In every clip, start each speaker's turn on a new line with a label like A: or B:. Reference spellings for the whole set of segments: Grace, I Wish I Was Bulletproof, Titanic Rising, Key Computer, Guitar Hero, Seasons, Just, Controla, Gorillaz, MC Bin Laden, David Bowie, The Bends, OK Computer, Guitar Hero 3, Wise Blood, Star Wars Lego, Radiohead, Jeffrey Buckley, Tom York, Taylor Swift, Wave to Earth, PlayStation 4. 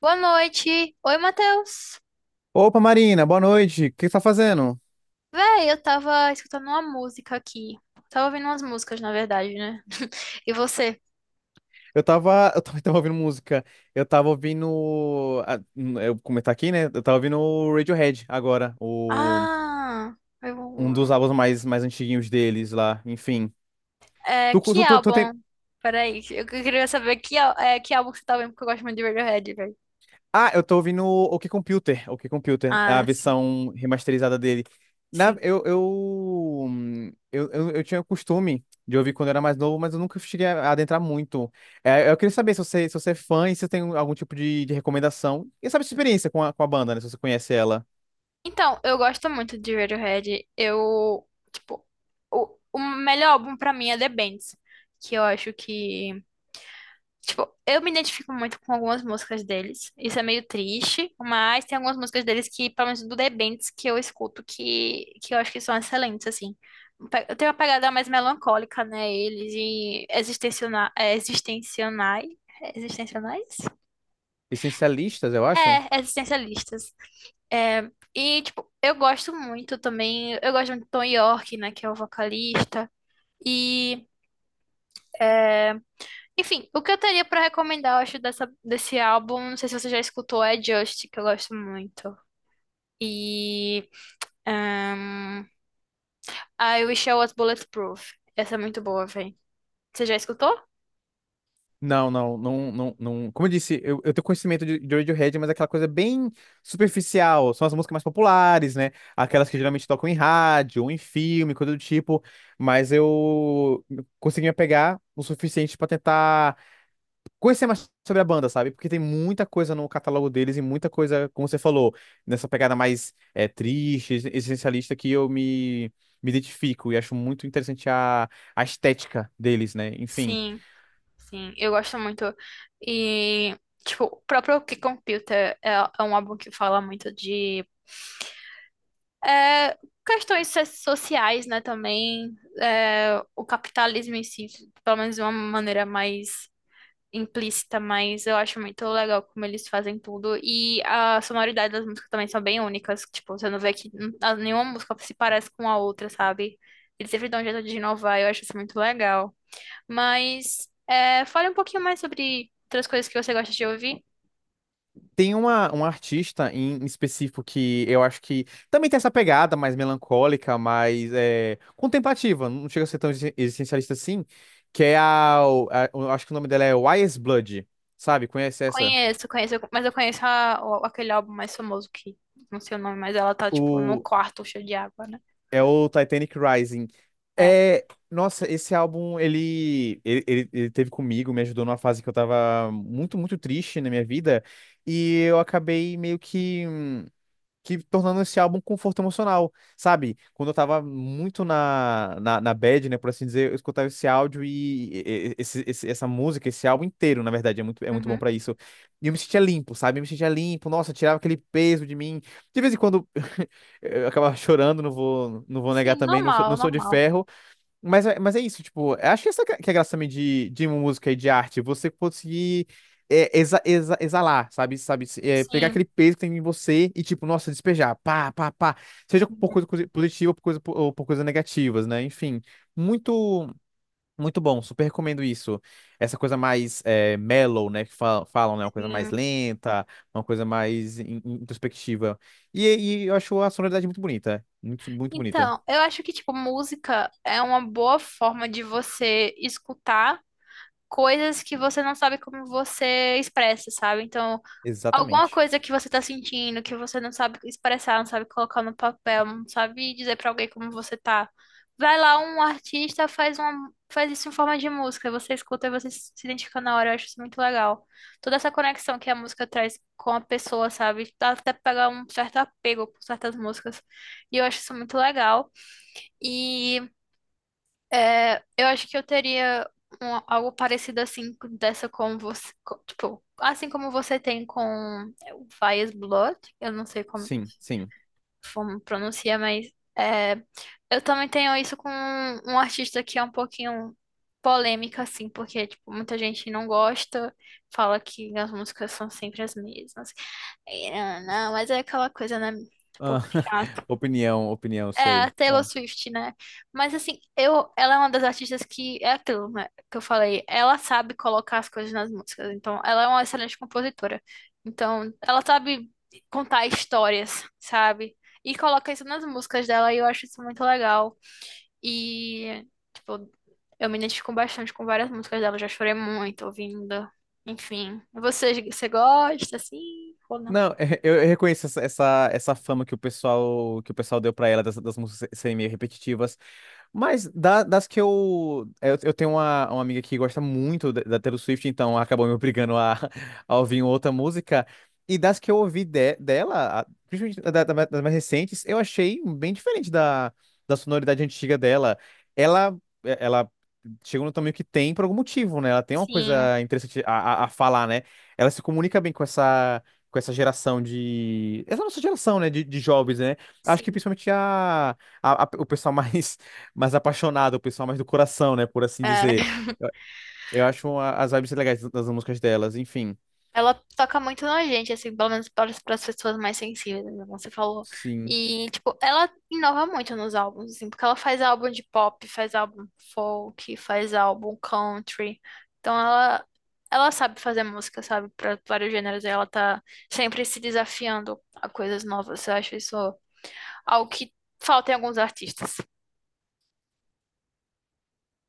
A: Boa noite. Oi, Matheus.
B: Opa, Marina, boa noite. O que você tá fazendo?
A: Véi, eu tava escutando uma música aqui. Tava ouvindo umas músicas, na verdade, né? E você?
B: Eu tava, eu também tava ouvindo música. Eu tava ouvindo, eu vou comentar aqui, né? Eu tava ouvindo o Radiohead agora, o
A: Ah,
B: um dos
A: eu...
B: álbuns mais antiguinhos deles lá, enfim.
A: é,
B: Tu
A: que
B: tu, tu, tu
A: álbum?
B: tem-
A: Peraí, eu queria saber é, que álbum que você tá ouvindo, porque eu gosto muito de Radiohead, velho.
B: Ah, eu tô ouvindo o OK Computer, OK Computer, a
A: Ah, sim,
B: versão remasterizada dele. Na,
A: sim.
B: Eu tinha o costume de ouvir quando eu era mais novo, mas eu nunca cheguei a adentrar muito. É, eu queria saber se você, se você é fã e se tem algum tipo de recomendação. E sabe a sua experiência com a banda, né? Se você conhece ela.
A: Então, eu gosto muito de Radiohead. Tipo, o melhor álbum pra mim é The Bends, que eu acho que tipo, eu me identifico muito com algumas músicas deles. Isso é meio triste, mas tem algumas músicas deles que, pelo menos do The Bends, que eu escuto que eu acho que são excelentes, assim. Eu tenho uma pegada mais melancólica, né? Eles e existenciona- é, existencionai, é existencionais?
B: Essencialistas, eu acho.
A: É, existencialistas. Tipo, eu gosto muito também. Eu gosto muito do Tom York, né? Que é o vocalista. E enfim, o que eu teria pra recomendar, eu acho, desse álbum, não sei se você já escutou, é Just, que eu gosto muito. E ahn, I Wish I Was Bulletproof. Essa é muito boa, véi. Você já escutou?
B: Não, não, não, não, não. Como eu disse, eu tenho conhecimento de Radiohead, mas é aquela coisa bem superficial. São as músicas mais populares, né? Aquelas que geralmente tocam em rádio, ou em filme, coisa do tipo. Mas eu consegui me apegar o suficiente pra tentar conhecer mais sobre a banda, sabe? Porque tem muita coisa no catálogo deles e muita coisa, como você falou, nessa pegada mais é, triste, existencialista que eu me, me identifico e acho muito interessante a estética deles, né? Enfim.
A: Sim, sim, eu gosto muito. E, tipo, o próprio Key Computer é um álbum que fala muito de é, sociais, né, também. É, o capitalismo em si, pelo menos de uma maneira mais implícita, mas eu acho muito legal como eles fazem tudo. E a sonoridade das músicas também são bem únicas. Tipo, você não vê nenhuma música se parece com a outra, sabe? Eles sempre dão um jeito de inovar, eu acho isso muito legal. Mas é, fale um pouquinho mais sobre outras coisas que você gosta de ouvir.
B: Tem uma, um artista em específico que eu acho que também tem essa pegada mais melancólica, mais é, contemplativa, não chega a ser tão existencialista assim, que é a, eu acho que o nome dela é Wise Blood, sabe? Conhece essa?
A: Conheço, conheço, mas eu conheço aquele álbum mais famoso que não sei o nome, mas ela tá, tipo, num
B: O,
A: quarto cheio de água, né?
B: é o Titanic Rising.
A: É.
B: É, nossa, esse álbum, ele teve comigo, me ajudou numa fase que eu tava muito, muito triste na minha vida, e eu acabei meio que. Que tornando esse álbum um conforto emocional, sabe? Quando eu tava muito na bad, né, por assim dizer, eu escutava esse áudio e, esse, essa música, esse álbum inteiro, na verdade, é muito bom
A: Uhum.
B: pra isso. E eu me sentia limpo, sabe? Eu me sentia limpo, nossa, tirava aquele peso de mim. De vez em quando eu acabava chorando, não vou, não vou negar
A: Sim,
B: também, não sou, não
A: normal,
B: sou de
A: normal.
B: ferro, mas, mas é isso, tipo, eu acho que essa que é a graça também de música e de arte, você conseguir é, exalar, sabe? Sabe? É, pegar
A: Sim,
B: aquele peso que tem em você e, tipo, nossa, despejar, pá, pá, pá. Seja
A: sim,
B: por coisa positiva ou por coisa, ou por coisas negativas, né? Enfim, muito, muito bom, super recomendo isso. Essa coisa mais é, mellow, né? Que falam, né? Uma coisa mais
A: sim.
B: lenta, uma coisa mais introspectiva. E, e eu acho a sonoridade muito bonita, muito, muito bonita.
A: Então, eu acho que, tipo, música é uma boa forma de você escutar coisas que você não sabe como você expressa, sabe? Então, alguma
B: Exatamente.
A: coisa que você tá sentindo, que você não sabe expressar, não sabe colocar no papel, não sabe dizer pra alguém como você tá. Vai lá, um artista faz isso em forma de música, você escuta e você se identifica na hora, eu acho isso muito legal. Toda essa conexão que a música traz com a pessoa, sabe? Dá até pra pegar um certo apego por certas músicas. E eu acho isso muito legal. E é, eu acho que eu teria algo parecido assim, com- dessa com você, co- tipo, assim como você tem com é, o Fias Blood, eu não sei como,
B: Sim, sim.
A: como pronuncia, mas é, eu também tenho isso com um artista que é um pouquinho polêmica, assim, porque, tipo, muita gente não gosta, fala que as músicas são sempre as mesmas. E, ah, não, mas é aquela coisa, né? Tipo,
B: Ah, opinião, opinião,
A: é, a
B: sei. Ah.
A: Taylor Swift, né? Mas assim, eu, ela é uma das artistas que é aquilo, né? Que eu falei, ela sabe colocar as coisas nas músicas. Então, ela é uma excelente compositora. Então, ela sabe contar histórias, sabe? E coloca isso nas músicas dela e eu acho isso muito legal. E, tipo, eu me identifico bastante com várias músicas dela, já chorei muito ouvindo. Enfim, você gosta assim ou não?
B: Não, eu reconheço essa, essa, essa fama que o pessoal deu pra ela das, das músicas serem meio repetitivas. Mas da- das que eu. Eu tenho uma amiga que gosta muito da, da Taylor Swift, então acabou me obrigando a, a ouvir outra música. E das que eu ouvi dela, principalmente das mais recentes, eu achei bem diferente da, da sonoridade antiga dela. Ela, é, ela chegou no tamanho que tem por algum motivo, né? Ela tem uma
A: Sim,
B: coisa interessante a falar, né? Ela se comunica bem com essa. Com essa geração de. Essa nossa geração, né? De jovens, né? Acho que
A: sim.
B: principalmente a, o pessoal mais mais apaixonado, o pessoal mais do coração, né? Por assim
A: É.
B: dizer. Eu, eu acho uma- as vibes legais das músicas delas, enfim.
A: Ela toca muito na gente, assim, pelo menos para as pessoas mais sensíveis, né, como você falou.
B: Sim.
A: E, tipo, ela inova muito nos álbuns, assim, porque ela faz álbum de pop, faz álbum folk, faz álbum country. Então, ela sabe fazer música, sabe, para vários gêneros. E ela tá sempre se desafiando a coisas novas. Eu acho isso algo que falta em alguns artistas.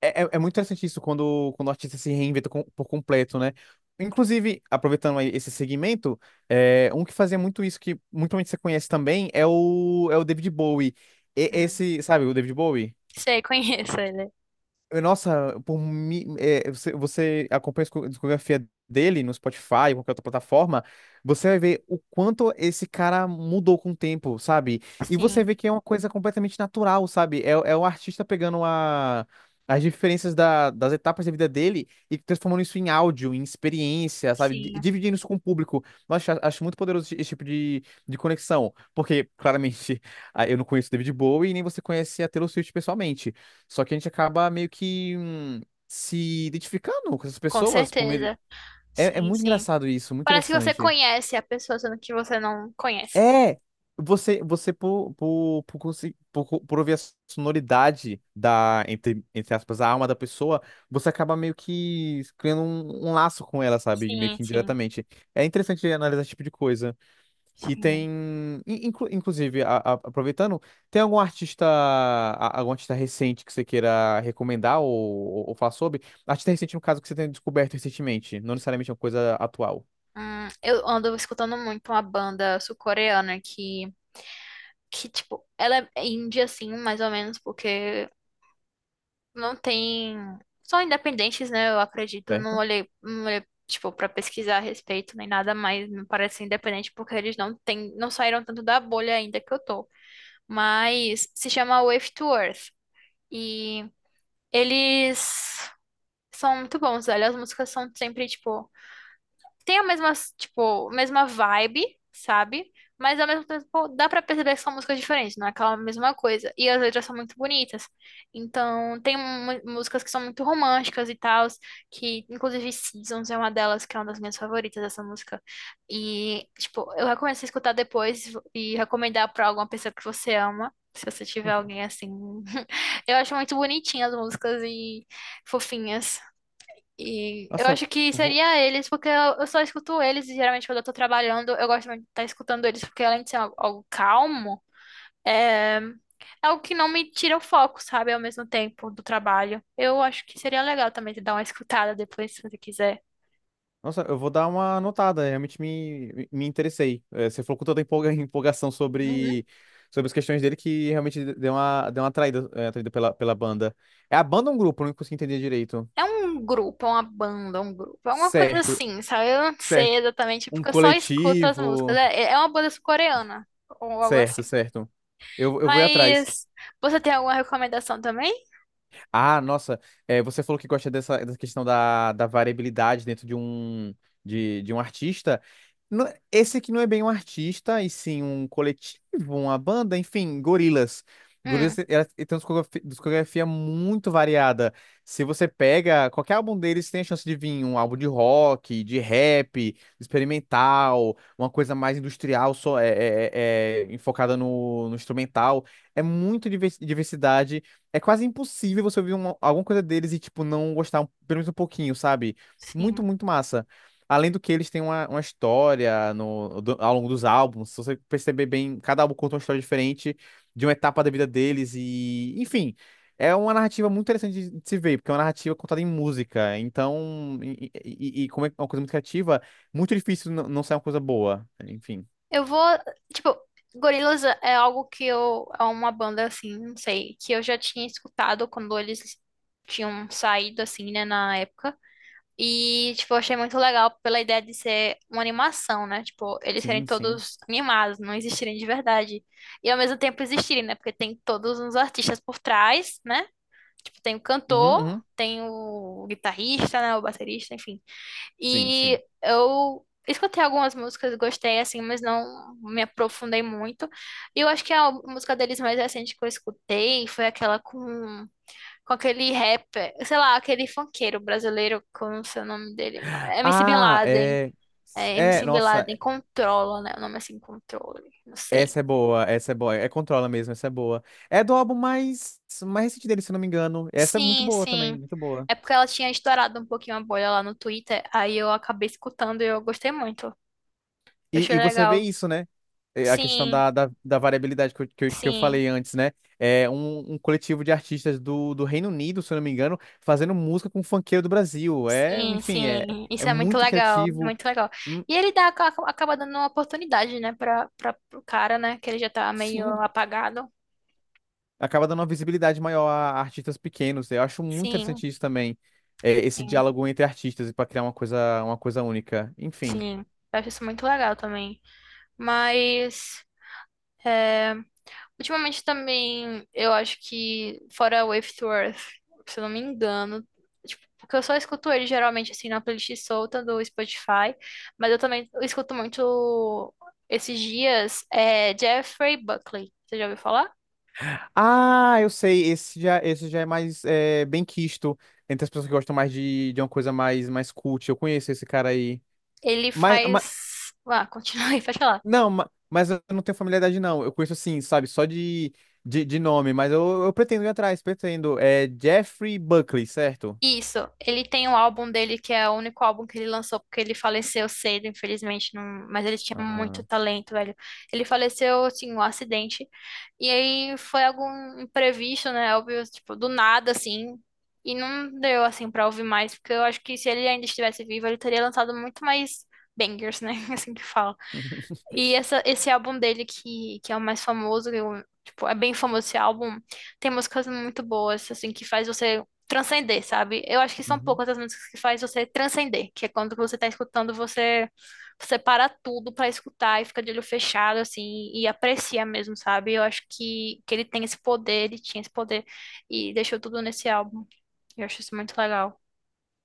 B: É, é, é muito interessante isso quando, quando o artista se reinventa por completo, né? Inclusive, aproveitando aí esse segmento, é, um que fazia muito isso, que muito provavelmente você conhece também, é o, é o David Bowie.
A: Hum.
B: Esse, sabe, o David Bowie?
A: Sei, conheço ele.
B: Nossa, por é, você, você acompanha a discografia dele no Spotify, qualquer outra plataforma, você vai ver o quanto esse cara mudou com o tempo, sabe? E você
A: Sim,
B: vê que é uma coisa completamente natural, sabe? É, é o artista pegando a, as diferenças das etapas da vida dele e transformando isso em áudio, em experiência, sabe?
A: sim,
B: Dividindo isso com o público. Nossa, acho muito poderoso esse tipo de conexão, porque claramente ah, eu não conheço David Bowie e nem você conhece a Taylor Swift pessoalmente. Só que a gente acaba meio que se identificando com essas
A: com
B: pessoas por meio.
A: certeza.
B: É, é
A: Sim,
B: muito
A: sim.
B: engraçado isso, muito
A: Parece que você
B: interessante.
A: conhece a pessoa, sendo que você não conhece.
B: É! Você, você por, consi- por, co- por ouvir a sonoridade da, entre, entre aspas, a alma da pessoa, você acaba meio que criando um, um laço com ela, sabe? Meio
A: Sim,
B: que
A: sim,
B: indiretamente. É interessante analisar esse tipo de coisa. E
A: sim.
B: tem, inclusive, aproveitando, tem algum artista, algum artista recente que você queira recomendar ou falar sobre? Artista recente, no caso, que você tenha descoberto recentemente, não necessariamente uma coisa atual,
A: Eu ando escutando muito uma banda sul-coreana que, tipo, ela é indie, assim, mais ou menos, porque não tem... São independentes, né? Eu acredito. Não
B: certo?
A: olhei, não olhei, tipo, pra pesquisar a respeito nem nada, mas me parece independente porque eles não têm, não saíram tanto da bolha ainda que eu tô. Mas se chama Wave to Earth. E eles são muito bons, velho. As músicas são sempre, tipo, tem a mesma, tipo, mesma vibe, sabe? Mas ao mesmo tempo dá pra perceber que são músicas diferentes, não é aquela mesma coisa. E as letras são muito bonitas. Então, músicas que são muito românticas e tal, que inclusive Seasons é uma delas, que é uma das minhas favoritas essa música. E, tipo, eu recomendo você escutar depois e recomendar pra alguma pessoa que você ama. Se você tiver alguém assim. Eu acho muito bonitinhas as músicas e fofinhas. E eu
B: Nossa,
A: acho que
B: vou,
A: seria eles, porque eu só escuto eles, e geralmente quando eu tô trabalhando, eu gosto muito de estar escutando eles, porque além de ser algo calmo, é algo que não me tira o foco, sabe? Ao mesmo tempo do trabalho. Eu acho que seria legal também você dar uma escutada depois, se você quiser.
B: nossa, eu vou dar uma anotada, realmente me, me me interessei. Eh, você falou com tanta empolgação
A: Uhum.
B: sobre, sobre as questões dele que realmente deu uma atraída, eh, atraída pela, pela banda. É a banda ou um grupo? Eu não consegui entender direito.
A: É um grupo, é uma banda, é um grupo, é uma coisa
B: Certo,
A: assim, sabe? Eu não sei
B: certo.
A: exatamente,
B: Um
A: porque eu só escuto as músicas.
B: coletivo.
A: É, é uma banda sul-coreana, ou algo
B: Certo,
A: assim.
B: certo. Eu vou ir atrás.
A: Mas você tem alguma recomendação também?
B: Ah, nossa, é, você falou que gosta dessa, dessa questão da, da variabilidade dentro de um artista. Não- Esse aqui não é bem um artista, e sim um coletivo, uma banda, enfim, Gorillaz.
A: Hum,
B: Gorillaz tem uma discografia muito variada. Se você pega qualquer álbum deles, tem a chance de vir um álbum de rock, de rap, experimental, uma coisa mais industrial, só é, enfocada no, no instrumental. É muito diversidade é quase impossível você ouvir alguma coisa deles e, tipo, não gostar pelo menos um pouquinho, sabe? Muito,
A: sim.
B: muito massa. Além do que eles têm uma história no, ao longo dos álbuns. Se você perceber bem, cada álbum conta uma história diferente de uma etapa da vida deles e, enfim, é uma narrativa muito interessante de se ver, porque é uma narrativa contada em música. Então, e, como é uma coisa muito criativa, muito difícil não sair uma coisa boa. Enfim,
A: Eu vou, tipo, Gorillaz é algo que eu, é uma banda assim, não sei, que eu já tinha escutado quando eles tinham saído assim, né, na época. E, tipo, eu achei muito legal pela ideia de ser uma animação, né? Tipo, eles serem
B: sim, sim.
A: todos animados, não existirem de verdade. E ao mesmo tempo existirem, né? Porque tem todos os artistas por trás, né? Tipo, tem o
B: Uhum,
A: cantor,
B: uhum.
A: tem o guitarrista, né? O baterista, enfim.
B: Sim, sim.
A: E eu escutei algumas músicas, gostei assim, mas não me aprofundei muito. E eu acho que a música deles mais recente que eu escutei foi aquela com aquele rapper, sei lá, aquele funkeiro brasileiro, que eu não sei o nome dele, mas- MC Bin
B: Ah,
A: Laden.
B: é.
A: É,
B: É,
A: MC Bin
B: nossa.
A: Laden, Controla, né? O nome é assim, Controle, não sei.
B: Essa é boa, essa é boa. É Controla mesmo, essa é boa. É do álbum mais, mais recente dele, se eu não me engano. Essa é muito
A: Sim,
B: boa também,
A: sim.
B: muito boa.
A: É porque ela tinha estourado um pouquinho a bolha lá no Twitter, aí eu acabei escutando e eu gostei muito. Eu achei
B: E você vê
A: legal.
B: isso, né? É, a questão
A: Sim,
B: da, da, da variabilidade que eu, que eu, que eu
A: sim.
B: falei antes, né? É um, um coletivo de artistas do, do Reino Unido, se eu não me engano, fazendo música com funkeiro do Brasil. É,
A: Sim,
B: enfim, é,
A: sim,
B: é
A: isso é muito
B: muito
A: legal,
B: criativo.
A: muito legal.
B: Hum,
A: E ele dá, acaba dando uma oportunidade, né, para o cara, né, que ele já tá meio
B: Sim,
A: apagado.
B: acaba dando uma visibilidade maior a artistas pequenos. Eu acho muito
A: Sim,
B: interessante isso também. É, esse
A: sim,
B: diálogo entre artistas e para criar uma coisa única. Enfim.
A: sim. Eu acho isso muito legal também. Mas ultimamente também eu acho que fora Wave to Earth, se eu não me engano, tipo, porque eu só escuto ele geralmente assim na playlist solta do Spotify, mas eu também escuto muito esses dias é Jeffrey Buckley. Você já ouviu falar?
B: Ah, eu sei, esse já é mais é, bem quisto entre as pessoas que gostam mais de uma coisa mais, mais cult. Eu conheço esse cara aí.
A: Ele
B: Mas
A: faz. Ah, continua aí, pode falar.
B: não, mas, eu não tenho familiaridade, não. Eu conheço assim, sabe, só de nome, mas eu pretendo ir atrás, pretendo. É Jeffrey Buckley, certo?
A: Isso, ele tem um álbum dele que é o único álbum que ele lançou, porque ele faleceu cedo, infelizmente, não- mas ele tinha muito
B: Ah.
A: talento, velho. Ele faleceu, assim, um acidente, e aí foi algum imprevisto, né, óbvio, tipo, do nada, assim, e não deu, assim, pra ouvir mais, porque eu acho que se ele ainda estivesse vivo, ele teria lançado muito mais bangers, né, assim que fala. E esse álbum dele que é o mais famoso, eu- tipo, é bem famoso esse álbum, tem músicas muito boas, assim, que faz você transcender, sabe? Eu acho que são poucas as músicas que faz você transcender, que é quando você tá escutando, você para tudo pra escutar e fica de olho fechado, assim, e aprecia mesmo, sabe? Eu acho que ele tem esse poder, ele tinha esse poder, e deixou tudo nesse álbum. Eu acho isso muito legal.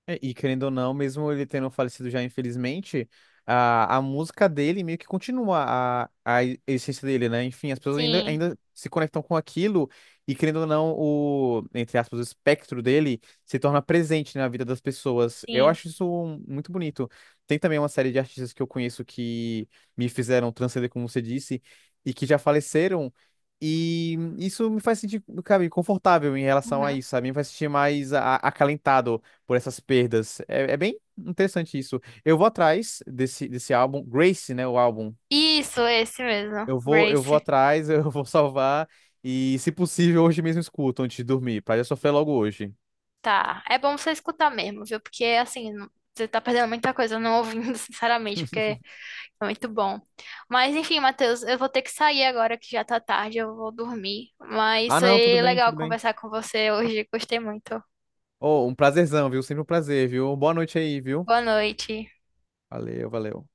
B: É, e querendo ou não, mesmo ele tendo falecido já, infelizmente, a música dele meio que continua a essência dele, né? Enfim, as pessoas ainda,
A: Sim,
B: ainda se conectam com aquilo e, querendo ou não, o, entre aspas, o espectro dele se torna presente na vida das pessoas. Eu
A: sim.
B: acho isso um- muito bonito. Tem também uma série de artistas que eu conheço que me fizeram transcender, como você disse, e que já faleceram. E isso me faz sentir, cara, confortável em relação a
A: Uhum.
B: isso, sabe? Me faz sentir mais acalentado por essas perdas. É, é bem interessante isso. Eu vou atrás desse, desse álbum, Grace, né? O álbum.
A: Isso, esse mesmo,
B: Eu vou
A: Grace.
B: atrás, eu vou salvar. E, se possível, hoje mesmo escuto antes de dormir, pra já sofrer logo hoje.
A: Tá, é bom você escutar mesmo, viu? Porque assim, não- você tá perdendo muita coisa não ouvindo, sinceramente, porque é muito bom. Mas enfim, Matheus, eu vou ter que sair agora que já tá tarde, eu vou dormir. Mas
B: Ah, não, tudo
A: foi
B: bem,
A: legal
B: tudo bem.
A: conversar com você hoje, gostei muito.
B: Oh, um prazerzão, viu? Sempre um prazer, viu? Boa noite aí, viu?
A: Boa noite.
B: Valeu, valeu.